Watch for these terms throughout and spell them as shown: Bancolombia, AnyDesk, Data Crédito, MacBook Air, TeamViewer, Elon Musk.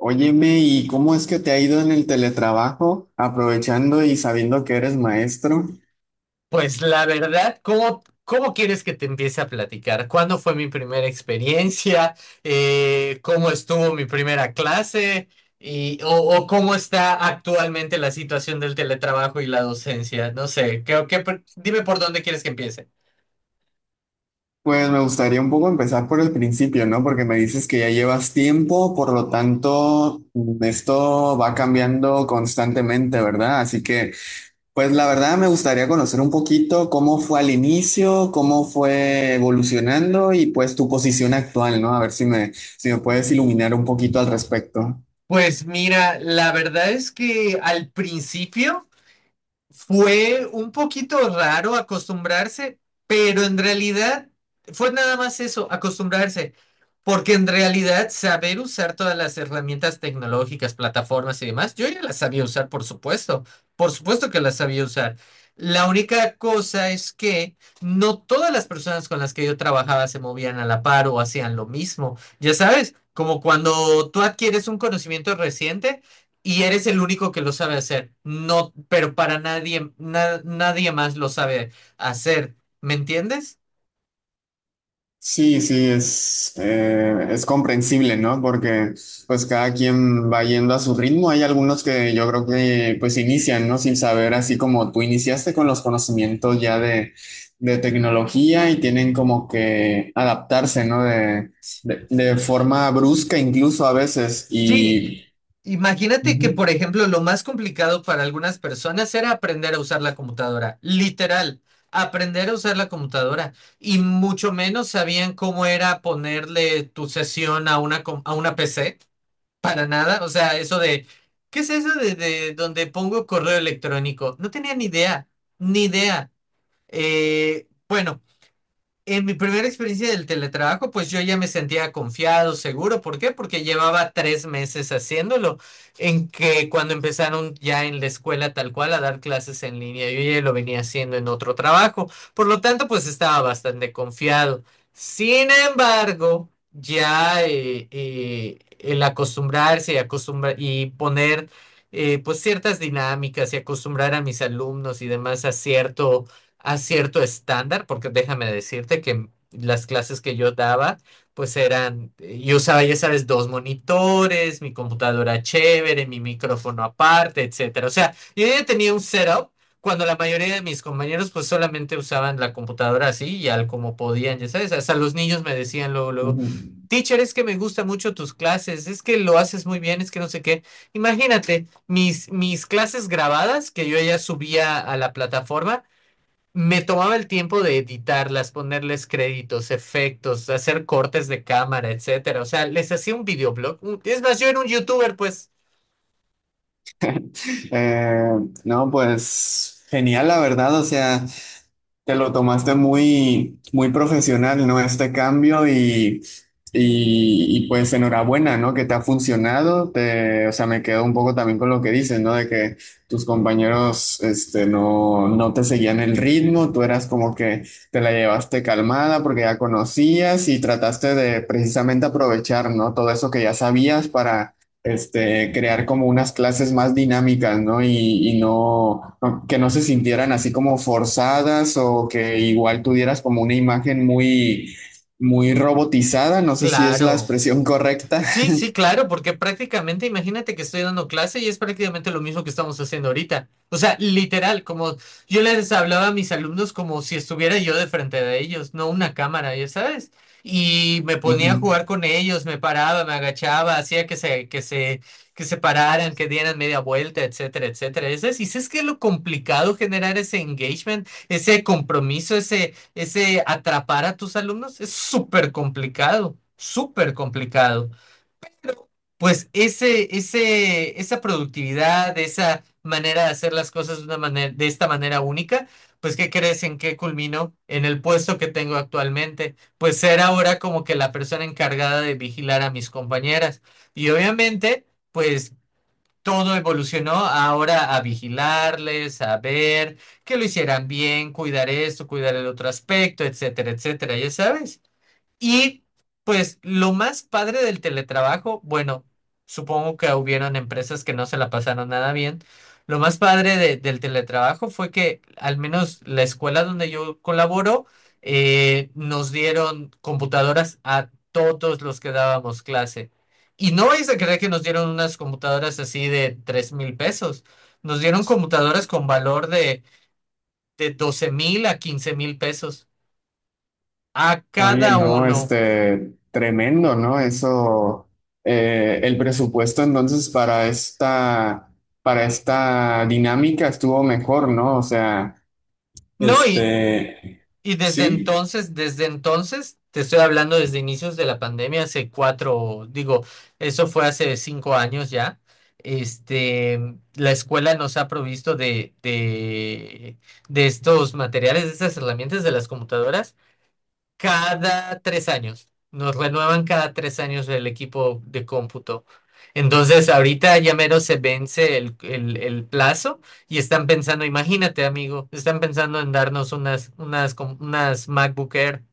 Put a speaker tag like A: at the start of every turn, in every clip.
A: Óyeme, ¿y cómo es que te ha ido en el teletrabajo, aprovechando y sabiendo que eres maestro?
B: Pues la verdad, ¿cómo quieres que te empiece a platicar? ¿Cuándo fue mi primera experiencia? ¿Cómo estuvo mi primera clase? ¿O cómo está actualmente la situación del teletrabajo y la docencia? No sé, ¿qué, qué dime por dónde quieres que empiece.
A: Pues me gustaría un poco empezar por el principio, ¿no? Porque me dices que ya llevas tiempo, por lo tanto, esto va cambiando constantemente, ¿verdad? Así que, pues la verdad me gustaría conocer un poquito cómo fue al inicio, cómo fue evolucionando y pues tu posición actual, ¿no? A ver si me puedes iluminar un poquito al respecto.
B: Pues mira, la verdad es que al principio... Fue un poquito raro acostumbrarse, pero en realidad fue nada más eso, acostumbrarse, porque en realidad saber usar todas las herramientas tecnológicas, plataformas y demás, yo ya las sabía usar, por supuesto que las sabía usar. La única cosa es que no todas las personas con las que yo trabajaba se movían a la par o hacían lo mismo. Ya sabes, como cuando tú adquieres un conocimiento reciente. Y eres el único que lo sabe hacer. No, pero para nadie, nadie más lo sabe hacer. ¿Me entiendes?
A: Sí, sí, es comprensible, ¿no? Porque pues cada quien va yendo a su ritmo. Hay algunos que yo creo que pues inician, ¿no? Sin saber, así como tú iniciaste con los conocimientos ya de tecnología y tienen como que adaptarse, ¿no? De forma brusca incluso a veces.
B: Sí.
A: Y...
B: Imagínate que,
A: Ujú,
B: por ejemplo, lo más complicado para algunas personas era aprender a usar la computadora. Literal, aprender a usar la computadora. Y mucho menos sabían cómo era ponerle tu sesión a a una PC. Para nada. O sea, eso de, ¿qué es eso de donde pongo correo electrónico? No tenía ni idea. Ni idea. Bueno, en mi primera experiencia del teletrabajo, pues yo ya me sentía confiado, seguro. ¿Por qué? Porque llevaba 3 meses haciéndolo, en que cuando empezaron ya en la escuela tal cual a dar clases en línea, yo ya lo venía haciendo en otro trabajo. Por lo tanto, pues estaba bastante confiado. Sin embargo, ya el acostumbrarse y poner pues ciertas dinámicas y acostumbrar a mis alumnos y demás a cierto estándar, porque déjame decirte que las clases que yo daba, pues eran, yo usaba, ya sabes, dos monitores, mi computadora chévere, mi micrófono aparte, etcétera. O sea, yo ya tenía un setup cuando la mayoría de mis compañeros pues solamente usaban la computadora así y al como podían, ya sabes, hasta los niños me decían luego, luego,
A: ujú.
B: teacher, es que me gustan mucho tus clases, es que lo haces muy bien, es que no sé qué. Imagínate, mis clases grabadas que yo ya subía a la plataforma, me tomaba el tiempo de editarlas, ponerles créditos, efectos, hacer cortes de cámara, etcétera. O sea, les hacía un videoblog. Es más, yo era un youtuber, pues.
A: Eh, no, pues genial, la verdad. O sea... Te lo tomaste muy, muy profesional, ¿no? Este cambio y, pues enhorabuena, ¿no? Que te ha funcionado. Te, o sea, me quedo un poco también con lo que dices, ¿no? De que tus compañeros, este, no, no te seguían el ritmo, tú eras como que te la llevaste calmada porque ya conocías y trataste de precisamente aprovechar, ¿no? Todo eso que ya sabías para este, crear como unas clases más dinámicas, ¿no? Y no, que no se sintieran así como forzadas o que igual tuvieras como una imagen muy, muy robotizada, no sé si es la
B: Claro.
A: expresión correcta.
B: Sí, sí, claro, porque prácticamente, imagínate que estoy dando clase y es prácticamente lo mismo que estamos haciendo ahorita. O sea, literal, como yo les hablaba a mis alumnos como si estuviera yo de frente de ellos, no una cámara, ya sabes. Y me ponía a
A: Ujú.
B: jugar con ellos, me paraba, me agachaba, hacía que se pararan, que dieran media vuelta, etcétera, etcétera. Y sabes que es lo complicado generar ese engagement, ese compromiso, ese atrapar a tus alumnos, es súper complicado, súper complicado. Pues esa productividad, esa manera de hacer las cosas de una manera, de esta manera única, pues ¿qué crees en qué culminó? En el puesto que tengo actualmente, pues ser ahora como que la persona encargada de vigilar a mis compañeras. Y obviamente, pues todo evolucionó ahora a vigilarles, a ver que lo hicieran bien, cuidar esto, cuidar el otro aspecto, etcétera, etcétera, ya sabes. Y pues lo más padre del teletrabajo, bueno, supongo que hubieron empresas que no se la pasaron nada bien. Lo más padre del teletrabajo fue que al menos la escuela donde yo colaboro nos dieron computadoras a todos los que dábamos clase. Y no vais a creer que nos dieron unas computadoras así de 3,000 pesos. Nos dieron computadoras con valor de 12,000 a 15,000 pesos a
A: Oye,
B: cada
A: no,
B: uno.
A: este, tremendo, ¿no? Eso, el presupuesto entonces para esta dinámica estuvo mejor, ¿no? O sea,
B: No, y,
A: este,
B: Y
A: sí.
B: desde entonces, te estoy hablando desde inicios de la pandemia, hace cuatro, digo, eso fue hace 5 años ya. Este, la escuela nos ha provisto de estos materiales, de estas herramientas de las computadoras cada 3 años. Nos renuevan cada 3 años el equipo de cómputo. Entonces, ahorita ya mero se vence el plazo y están pensando, imagínate, amigo, están pensando en darnos unas MacBook Air.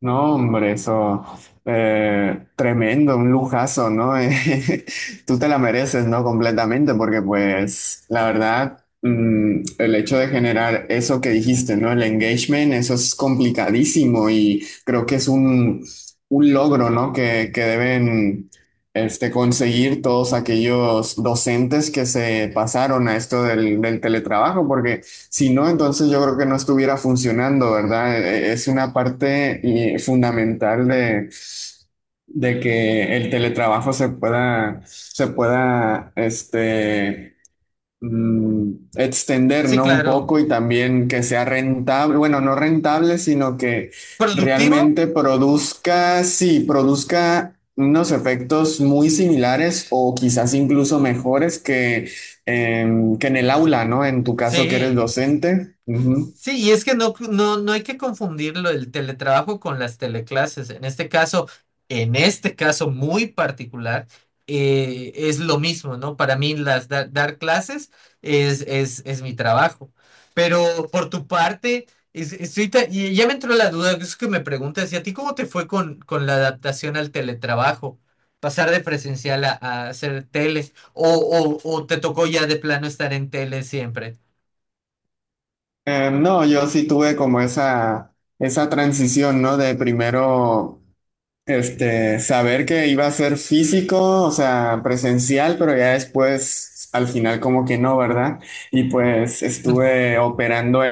A: No, hombre, eso tremendo, un lujazo, ¿no? Tú te la mereces, ¿no? Completamente, porque pues la verdad, el hecho de generar eso que dijiste, ¿no? El engagement, eso es complicadísimo y creo que es un logro, ¿no? Que deben este, conseguir todos aquellos docentes que se pasaron a esto del teletrabajo, porque... Si no, entonces yo creo que no estuviera funcionando, ¿verdad? Es una parte fundamental de que el teletrabajo se pueda, este, extender,
B: Sí,
A: ¿no? Un
B: claro.
A: poco y también que sea rentable, bueno, no rentable, sino que
B: ¿Productivo?
A: realmente produzca, sí, produzca unos efectos muy similares o quizás incluso mejores que, que en el aula, ¿no? En tu caso que eres
B: Sí.
A: docente. Ujú.
B: Sí, y es que no hay que confundirlo el teletrabajo con las teleclases. En este caso muy particular, es lo mismo, ¿no? Para mí dar clases es mi trabajo. Pero por tu parte, y ya me entró la duda, es que me preguntas, ¿y a ti cómo te fue con la adaptación al teletrabajo? Pasar de presencial a hacer tele, o te tocó ya de plano estar en tele siempre.
A: No, yo sí tuve como esa transición, ¿no? De primero este, saber que iba a ser físico, o sea, presencial, pero ya después, al final como que no, ¿verdad? Y pues estuve operando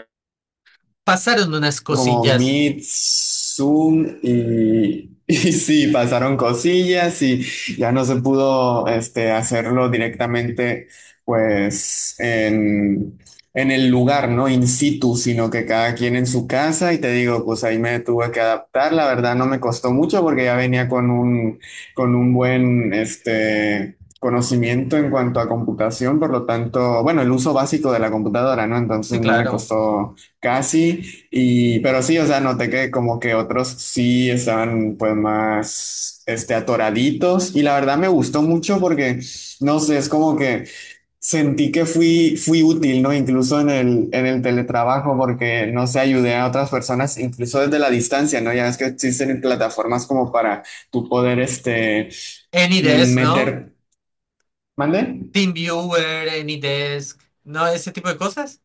B: Pasaron unas
A: como
B: cosillas.
A: Meet, Zoom y, y sí, pasaron cosillas y ya no se pudo este, hacerlo directamente pues en el lugar, ¿no? In situ, sino que cada quien en su casa y te digo, pues ahí me tuve que adaptar, la verdad no me costó mucho porque ya venía con un buen, este... conocimiento en cuanto a computación, por lo tanto, bueno, el uso básico de la computadora, ¿no?
B: Sí,
A: Entonces no me
B: claro.
A: costó casi. Y, pero sí, o sea, noté que como que otros sí estaban pues más, este, atoraditos y la verdad me gustó mucho porque, no sé, es como que sentí que fui útil, ¿no? Incluso en el teletrabajo porque, no sé, ayudé a otras personas, incluso desde la distancia, ¿no? Ya es que existen plataformas como para tú poder, este,
B: AnyDesk, ¿no?
A: meter, ¿mande?
B: TeamViewer, AnyDesk, ¿no? Ese tipo de cosas.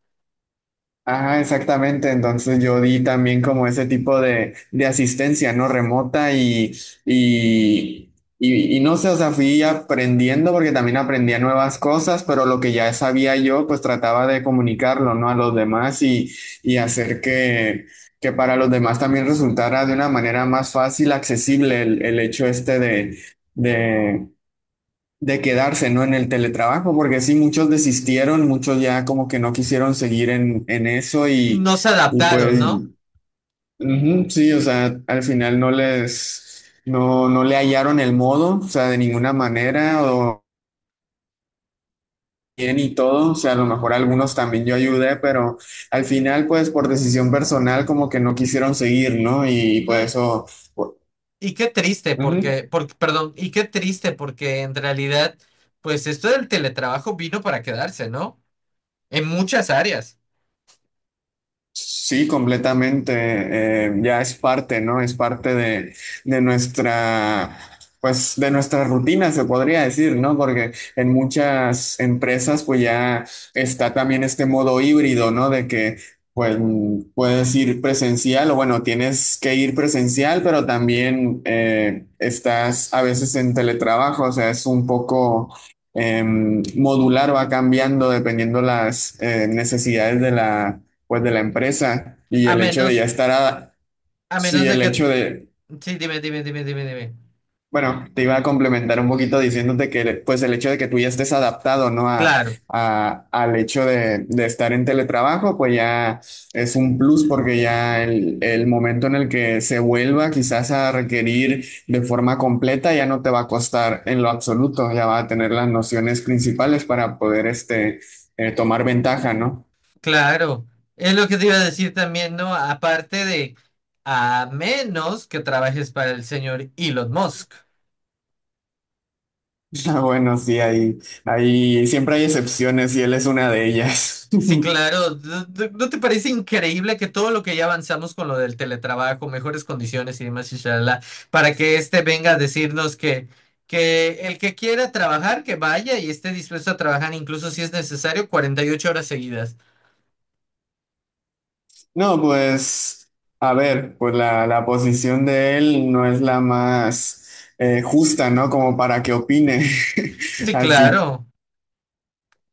A: Ajá, exactamente. Entonces yo di también como ese tipo de asistencia, ¿no? Remota y, y no sé, o sea, fui aprendiendo porque también aprendía nuevas cosas, pero lo que ya sabía yo, pues trataba de comunicarlo, ¿no? A los demás y hacer que para los demás también resultara de una manera más fácil, accesible el hecho este de, de quedarse, ¿no? En el teletrabajo, porque sí, muchos desistieron, muchos ya como que no quisieron seguir en eso
B: No se
A: y
B: adaptaron,
A: pues,
B: ¿no?
A: ujú, sí, o sea, al final no les, no, no le hallaron el modo, o sea, de ninguna manera, o bien y todo, o sea, a lo mejor algunos también yo ayudé, pero al final, pues, por decisión personal, como que no quisieron seguir, ¿no? Y,
B: No,
A: pues eso,
B: y qué triste
A: ujú,
B: porque, porque, perdón, y qué triste porque en realidad, pues esto del teletrabajo vino para quedarse, ¿no? En muchas áreas.
A: sí, completamente. Ya es parte, ¿no? Es parte de nuestra, pues, de nuestra rutina, se podría decir, ¿no? Porque en muchas empresas, pues, ya está también este modo híbrido, ¿no? De que, pues, puedes ir presencial o, bueno, tienes que ir presencial, pero también estás a veces en teletrabajo, o sea, es un poco... modular va cambiando dependiendo las necesidades de la pues de la empresa y
B: A
A: el hecho de ya
B: menos,
A: estar a,
B: a
A: sí,
B: menos de
A: el
B: que,
A: hecho de,
B: sí, dime, dime, dime, dime, dime.
A: bueno, te iba a complementar un poquito diciéndote que pues el hecho de que tú ya estés adaptado, ¿no? A,
B: Claro.
A: al hecho de estar en teletrabajo, pues ya es un plus porque ya el momento en el que se vuelva quizás a requerir de forma completa ya no te va a costar en lo absoluto, ya va a tener las nociones principales para poder este, tomar ventaja, ¿no?
B: Claro, es lo que te iba a decir también, ¿no? Aparte de, a menos que trabajes para el señor Elon Musk.
A: Ah, bueno, sí, hay, siempre hay excepciones y él es una de ellas.
B: Sí, claro, no te parece increíble que todo lo que ya avanzamos con lo del teletrabajo, mejores condiciones y demás, inshallah, para que este venga a decirnos que, el que quiera trabajar, que vaya y esté dispuesto a trabajar, incluso si es necesario, 48 horas seguidas?
A: No, pues, a ver, pues la posición de él no es la más justa, ¿no? Como para que opine.
B: Sí,
A: Así,
B: claro,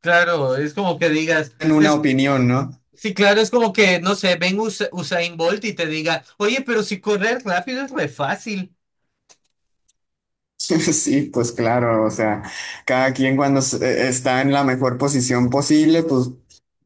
B: claro, es como que digas,
A: en una
B: es
A: opinión, ¿no?
B: Sí, claro, es como que, no sé, ven Usain Bolt y te diga, oye, pero si correr rápido es re fácil.
A: Sí, pues claro, o sea, cada quien cuando está en la mejor posición posible, pues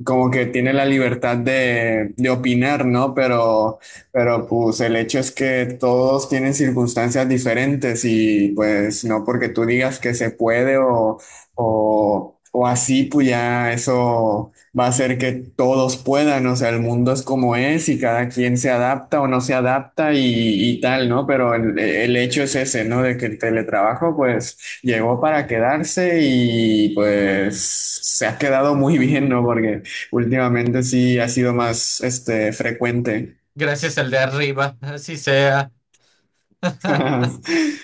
A: como que tiene la libertad de opinar, ¿no? Pero pues el hecho es que todos tienen circunstancias diferentes y pues no porque tú digas que se puede o así, pues ya eso va a hacer que todos puedan, o sea, el mundo es como es y cada quien se adapta o no se adapta y tal, ¿no? Pero el hecho es ese, ¿no? De que el teletrabajo pues llegó para quedarse y pues se ha quedado muy bien, ¿no? Porque últimamente sí ha sido más, este, frecuente.
B: Gracias al de arriba, así sea.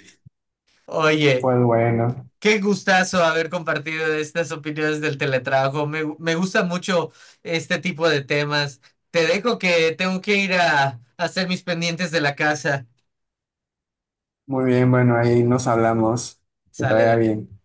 B: Oye,
A: Pues bueno,
B: qué gustazo haber compartido estas opiniones del teletrabajo. Me gusta mucho este tipo de temas. Te dejo que tengo que ir a hacer mis pendientes de la casa.
A: muy bien, bueno, ahí nos hablamos. Que te vaya
B: Sale.
A: bien.